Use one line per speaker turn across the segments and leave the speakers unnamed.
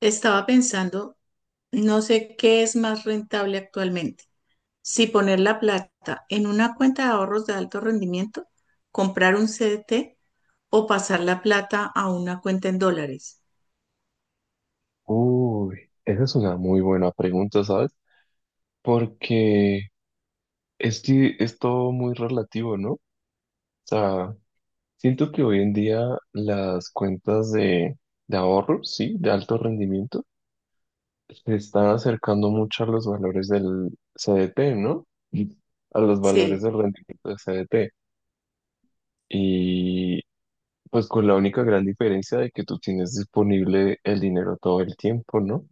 Estaba pensando, no sé qué es más rentable actualmente, si poner la plata en una cuenta de ahorros de alto rendimiento, comprar un CDT o pasar la plata a una cuenta en dólares.
Uy, esa es una muy buena pregunta, ¿sabes? Porque es todo muy relativo, ¿no? O sea, siento que hoy en día las cuentas de ahorro, sí, de alto rendimiento, se están acercando mucho a los valores del CDT, ¿no? Sí. A los valores
Sí,
del rendimiento del CDT. Y pues con la única gran diferencia de que tú tienes disponible el dinero todo el tiempo, ¿no?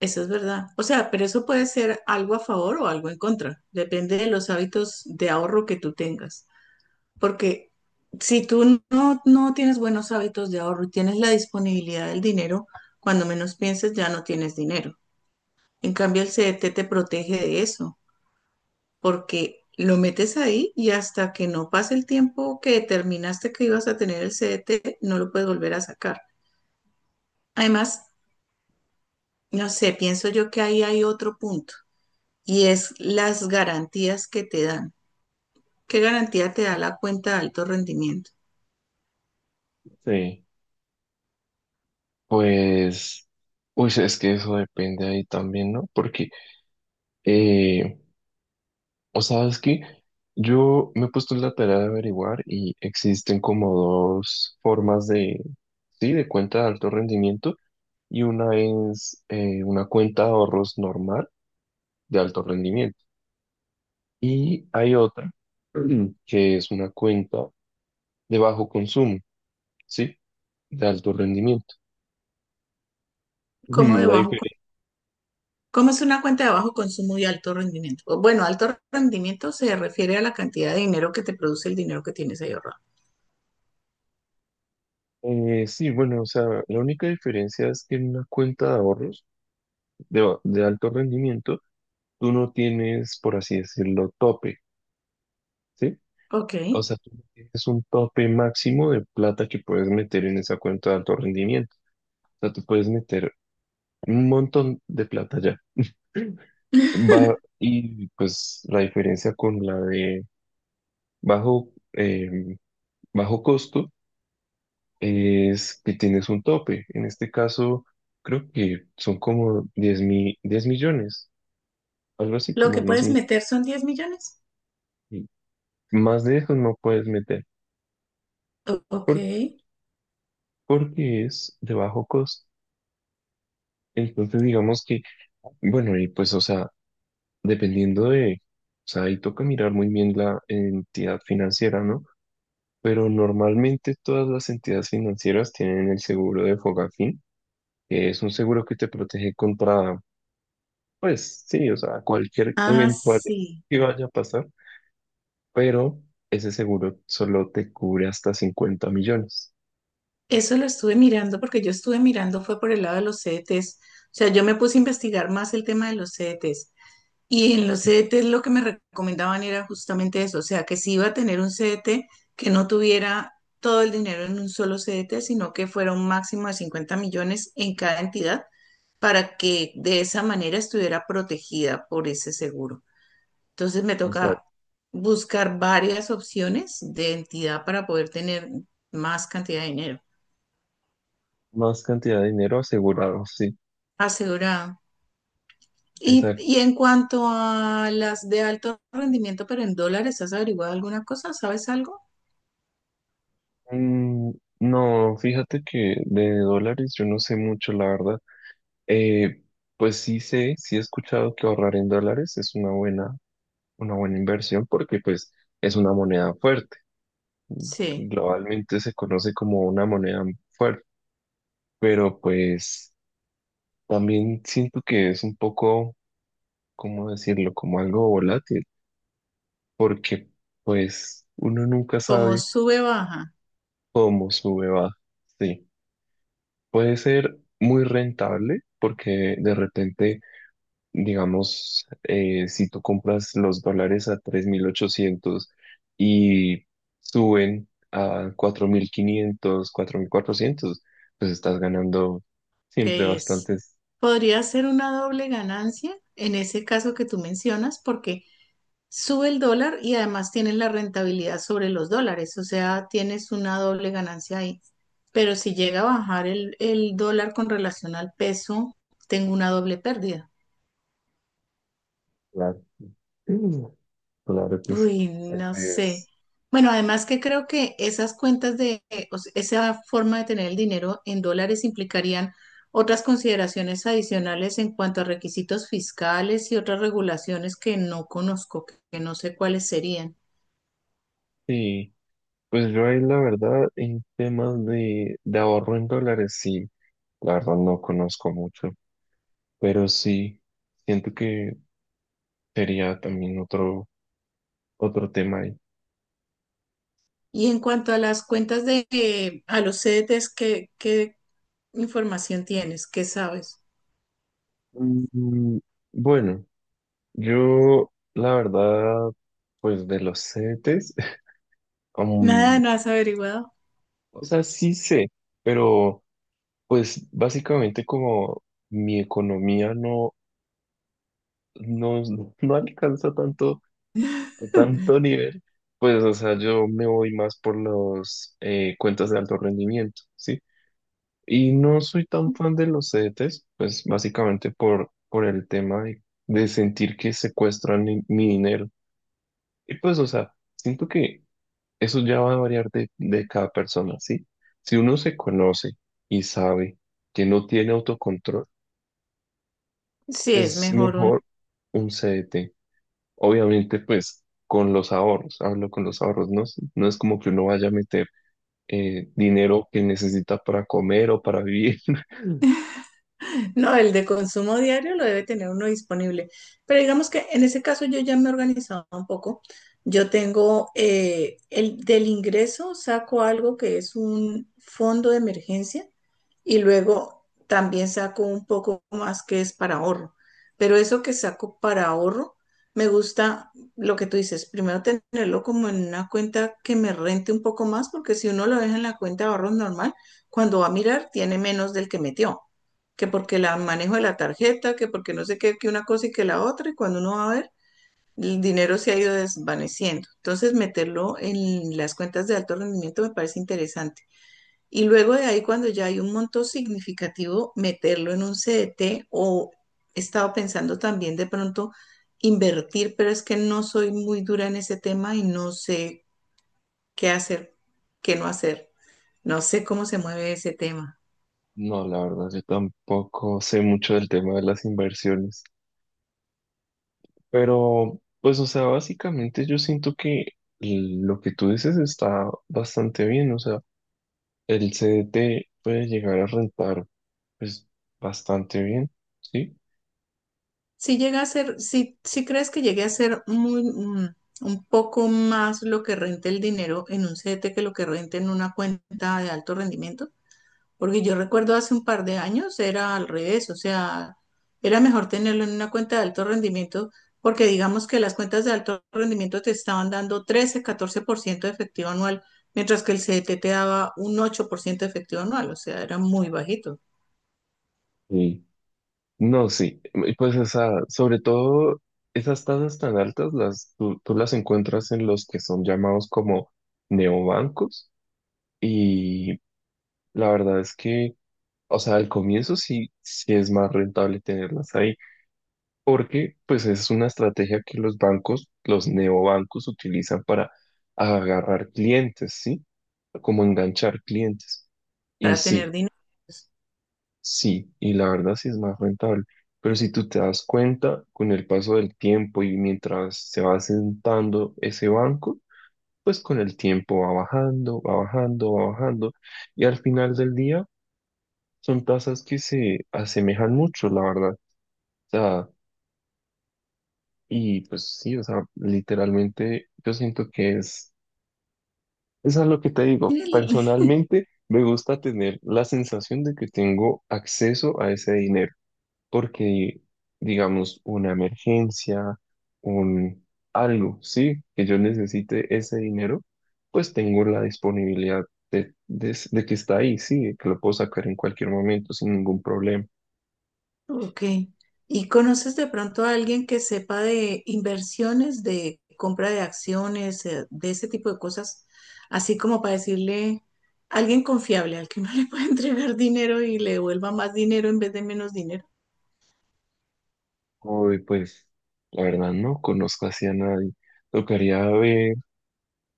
eso es verdad. O sea, pero eso puede ser algo a favor o algo en contra, depende de los hábitos de ahorro que tú tengas. Porque si tú no tienes buenos hábitos de ahorro y tienes la disponibilidad del dinero, cuando menos pienses ya no tienes dinero. En cambio, el CDT te protege de eso, porque lo metes ahí y hasta que no pase el tiempo que determinaste que ibas a tener el CDT, no lo puedes volver a sacar. Además, no sé, pienso yo que ahí hay otro punto y es las garantías que te dan. ¿Qué garantía te da la cuenta de alto rendimiento?
Sí. Pues, pues es que eso depende ahí también, ¿no? Porque, eh, o sabes que yo me he puesto en la tarea de averiguar y existen como dos formas sí, de cuenta de alto rendimiento, y una es una cuenta de ahorros normal de alto rendimiento, y hay otra que es una cuenta de bajo consumo, ¿sí? De alto rendimiento.
¿Cómo de
La
bajo,
diferencia,
cómo es una cuenta de bajo consumo y alto rendimiento? Bueno, alto rendimiento se refiere a la cantidad de dinero que te produce el dinero que tienes ahí ahorrado.
sí, bueno, o sea, la única diferencia es que en una cuenta de ahorros de alto rendimiento, tú no tienes, por así decirlo, tope, ¿sí?
Ok.
O sea, tú no tienes un tope máximo de plata que puedes meter en esa cuenta de alto rendimiento. O sea, tú puedes meter un montón de plata ya. Va, y pues la diferencia con la de bajo, eh, bajo costo es que tienes un tope. En este caso, creo que son como 10 millones, algo así
Lo
como
que
10
puedes
millones.
meter son 10 millones.
Más de eso no puedes meter.
Ok.
Por- porque es de bajo costo. Entonces, digamos que, bueno, y pues, o sea, dependiendo de, o sea, ahí toca mirar muy bien la entidad financiera, ¿no? Pero normalmente todas las entidades financieras tienen el seguro de Fogafín, que es un seguro que te protege contra, pues, sí, o sea, cualquier
Ah,
eventualidad
sí.
que vaya a pasar, pero ese seguro solo te cubre hasta 50 millones.
Eso lo estuve mirando porque yo estuve mirando fue por el lado de los CDTs. O sea, yo me puse a investigar más el tema de los CDTs. Y en los CDTs lo que me recomendaban era justamente eso, o sea, que si iba a tener un CDT, que no tuviera todo el dinero en un solo CDT, sino que fuera un máximo de 50 millones en cada entidad para que de esa manera estuviera protegida por ese seguro. Entonces me toca
Exacto.
buscar varias opciones de entidad para poder tener más cantidad de dinero
Más cantidad de dinero asegurado, sí.
asegurado. Y,
Exacto.
y en cuanto a las de alto rendimiento, pero en dólares, ¿has averiguado alguna cosa? ¿Sabes algo?
Mm, No, fíjate que de dólares yo no sé mucho, la verdad. Eh, pues sí sé, sí he escuchado que ahorrar en dólares es una buena inversión porque pues es una moneda fuerte.
Sí,
Globalmente se conoce como una moneda fuerte, pero pues también siento que es un poco, ¿cómo decirlo? Como algo volátil, porque pues uno nunca
como
sabe
sube baja,
cómo sube, baja. Sí, puede ser muy rentable porque de repente digamos, si tú compras los dólares a 3.800 y suben a 4.500 4.400, pues estás ganando siempre
que es,
bastantes.
podría ser una doble ganancia en ese caso que tú mencionas, porque sube el dólar y además tienes la rentabilidad sobre los dólares, o sea, tienes una doble ganancia ahí. Pero si llega a bajar el dólar con relación al peso, tengo una doble pérdida.
Dólares Mm, claro que sí.
Uy, no
Así
sé.
es.
Bueno, además que creo que esas cuentas de, o sea, esa forma de tener el dinero en dólares implicarían otras consideraciones adicionales en cuanto a requisitos fiscales y otras regulaciones que no conozco, que no sé cuáles serían.
Sí, pues yo ahí la verdad en temas de ahorro en dólares, sí, la verdad no conozco mucho, pero sí, siento que sería también otro, otro tema.
Y en cuanto a las cuentas de, a los CDTs, ¿qué información tienes? ¿Qué sabes?
Mm, Bueno, yo la verdad, pues de los Cetes,
Nada, no
aún,
has averiguado.
o sea, sí sé, pero pues básicamente como mi economía no, no alcanza tanto, a tanto nivel, pues o sea, yo me voy más por los cuentas de alto rendimiento, ¿sí? Y no soy tan fan de los Cetes, pues básicamente por el tema de sentir que secuestran mi dinero. Y pues, o sea, siento que eso ya va a variar de cada persona, ¿sí? Si uno se conoce y sabe que no tiene autocontrol,
Sí, es
es
mejor.
mejor un CDT. Obviamente, pues, con los ahorros, hablo con los ahorros, ¿no? No es como que uno vaya a meter dinero que necesita para comer o para vivir.
No, el de consumo diario lo debe tener uno disponible. Pero digamos que en ese caso yo ya me he organizado un poco. Yo tengo el del ingreso, saco algo que es un fondo de emergencia y luego también saco un poco más que es para ahorro. Pero eso que saco para ahorro, me gusta lo que tú dices, primero tenerlo como en una cuenta que me rente un poco más, porque si uno lo deja en la cuenta de ahorros normal, cuando va a mirar tiene menos del que metió, que porque la manejo de la tarjeta, que porque no sé qué, que una cosa y que la otra, y cuando uno va a ver, el dinero se ha ido desvaneciendo. Entonces, meterlo en las cuentas de alto rendimiento me parece interesante. Y luego de ahí, cuando ya hay un monto significativo, meterlo en un CDT o he estado pensando también de pronto invertir, pero es que no soy muy dura en ese tema y no sé qué hacer, qué no hacer. No sé cómo se mueve ese tema.
No, la verdad, yo tampoco sé mucho del tema de las inversiones. Pero, pues, o sea, básicamente yo siento que lo que tú dices está bastante bien, o sea, el CDT puede llegar a rentar, pues, bastante bien, ¿sí?
Si llega a ser, si crees que llegue a ser un poco más lo que rente el dinero en un CDT que lo que rente en una cuenta de alto rendimiento, porque yo recuerdo hace un par de años era al revés, o sea, era mejor tenerlo en una cuenta de alto rendimiento, porque digamos que las cuentas de alto rendimiento te estaban dando 13, 14% de efectivo anual, mientras que el CDT te daba un 8% de efectivo anual, o sea, era muy bajito
Sí. No, sí, y pues, o sea, sobre todo esas tasas tan altas, las, tú las encuentras en los que son llamados como neobancos, y la verdad es que, o sea, al comienzo sí, sí es más rentable tenerlas ahí, porque pues es una estrategia que los bancos, los neobancos utilizan para agarrar clientes, ¿sí? Como enganchar clientes. Y
para tener
sí,
dinero.
sí, y la verdad sí es más rentable. Pero si tú te das cuenta con el paso del tiempo y mientras se va sentando ese banco, pues con el tiempo va bajando, va bajando, va bajando. Y al final del día son tasas que se asemejan mucho, la verdad. Y pues sí, o sea, literalmente yo siento que es, eso es lo que te digo. Personalmente me gusta tener la sensación de que tengo acceso a ese dinero, porque digamos una emergencia, un algo, sí, que yo necesite ese dinero, pues tengo la disponibilidad de que está ahí, sí, de que lo puedo sacar en cualquier momento sin ningún problema.
Ok. ¿Y conoces de pronto a alguien que sepa de inversiones, de compra de acciones, de ese tipo de cosas? Así como para decirle, alguien confiable al que uno le puede entregar dinero y le devuelva más dinero en vez de menos dinero.
Hoy pues la verdad no conozco así a nadie. Tocaría ver.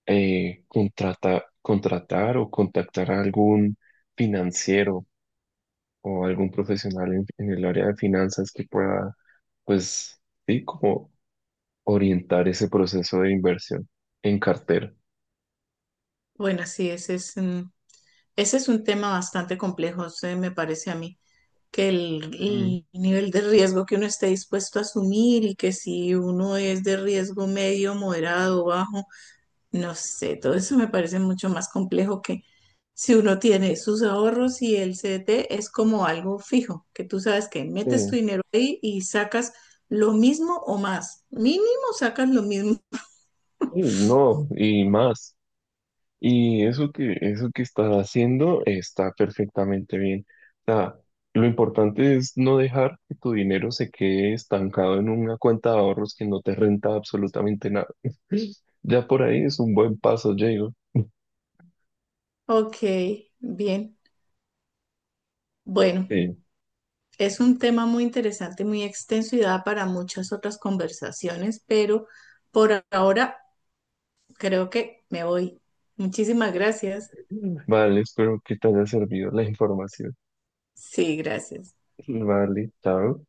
Contratar o contactar a algún financiero o algún profesional en el área de finanzas que pueda, pues, sí, como orientar ese proceso de inversión en cartera.
Bueno, sí, ese es, ese es un tema bastante complejo, se me parece a mí, que el,
Mm,
el nivel de riesgo que uno esté dispuesto a asumir y que si uno es de riesgo medio, moderado, bajo. No sé, todo eso me parece mucho más complejo que si uno tiene sus ahorros y el CDT es como algo fijo, que tú sabes que metes tu
sí,
dinero ahí y sacas lo mismo o más. Mínimo sacas lo mismo.
sí, no, y más. Y eso que estás haciendo está perfectamente bien. O sea, lo importante es no dejar que tu dinero se quede estancado en una cuenta de ahorros que no te renta absolutamente nada. Ya por ahí es un buen paso, Diego.
Ok, bien. Bueno,
Sí.
es un tema muy interesante, muy extenso y da para muchas otras conversaciones, pero por ahora creo que me voy. Muchísimas gracias.
Vale, espero que te haya servido la información.
Sí, gracias.
Vale, chao.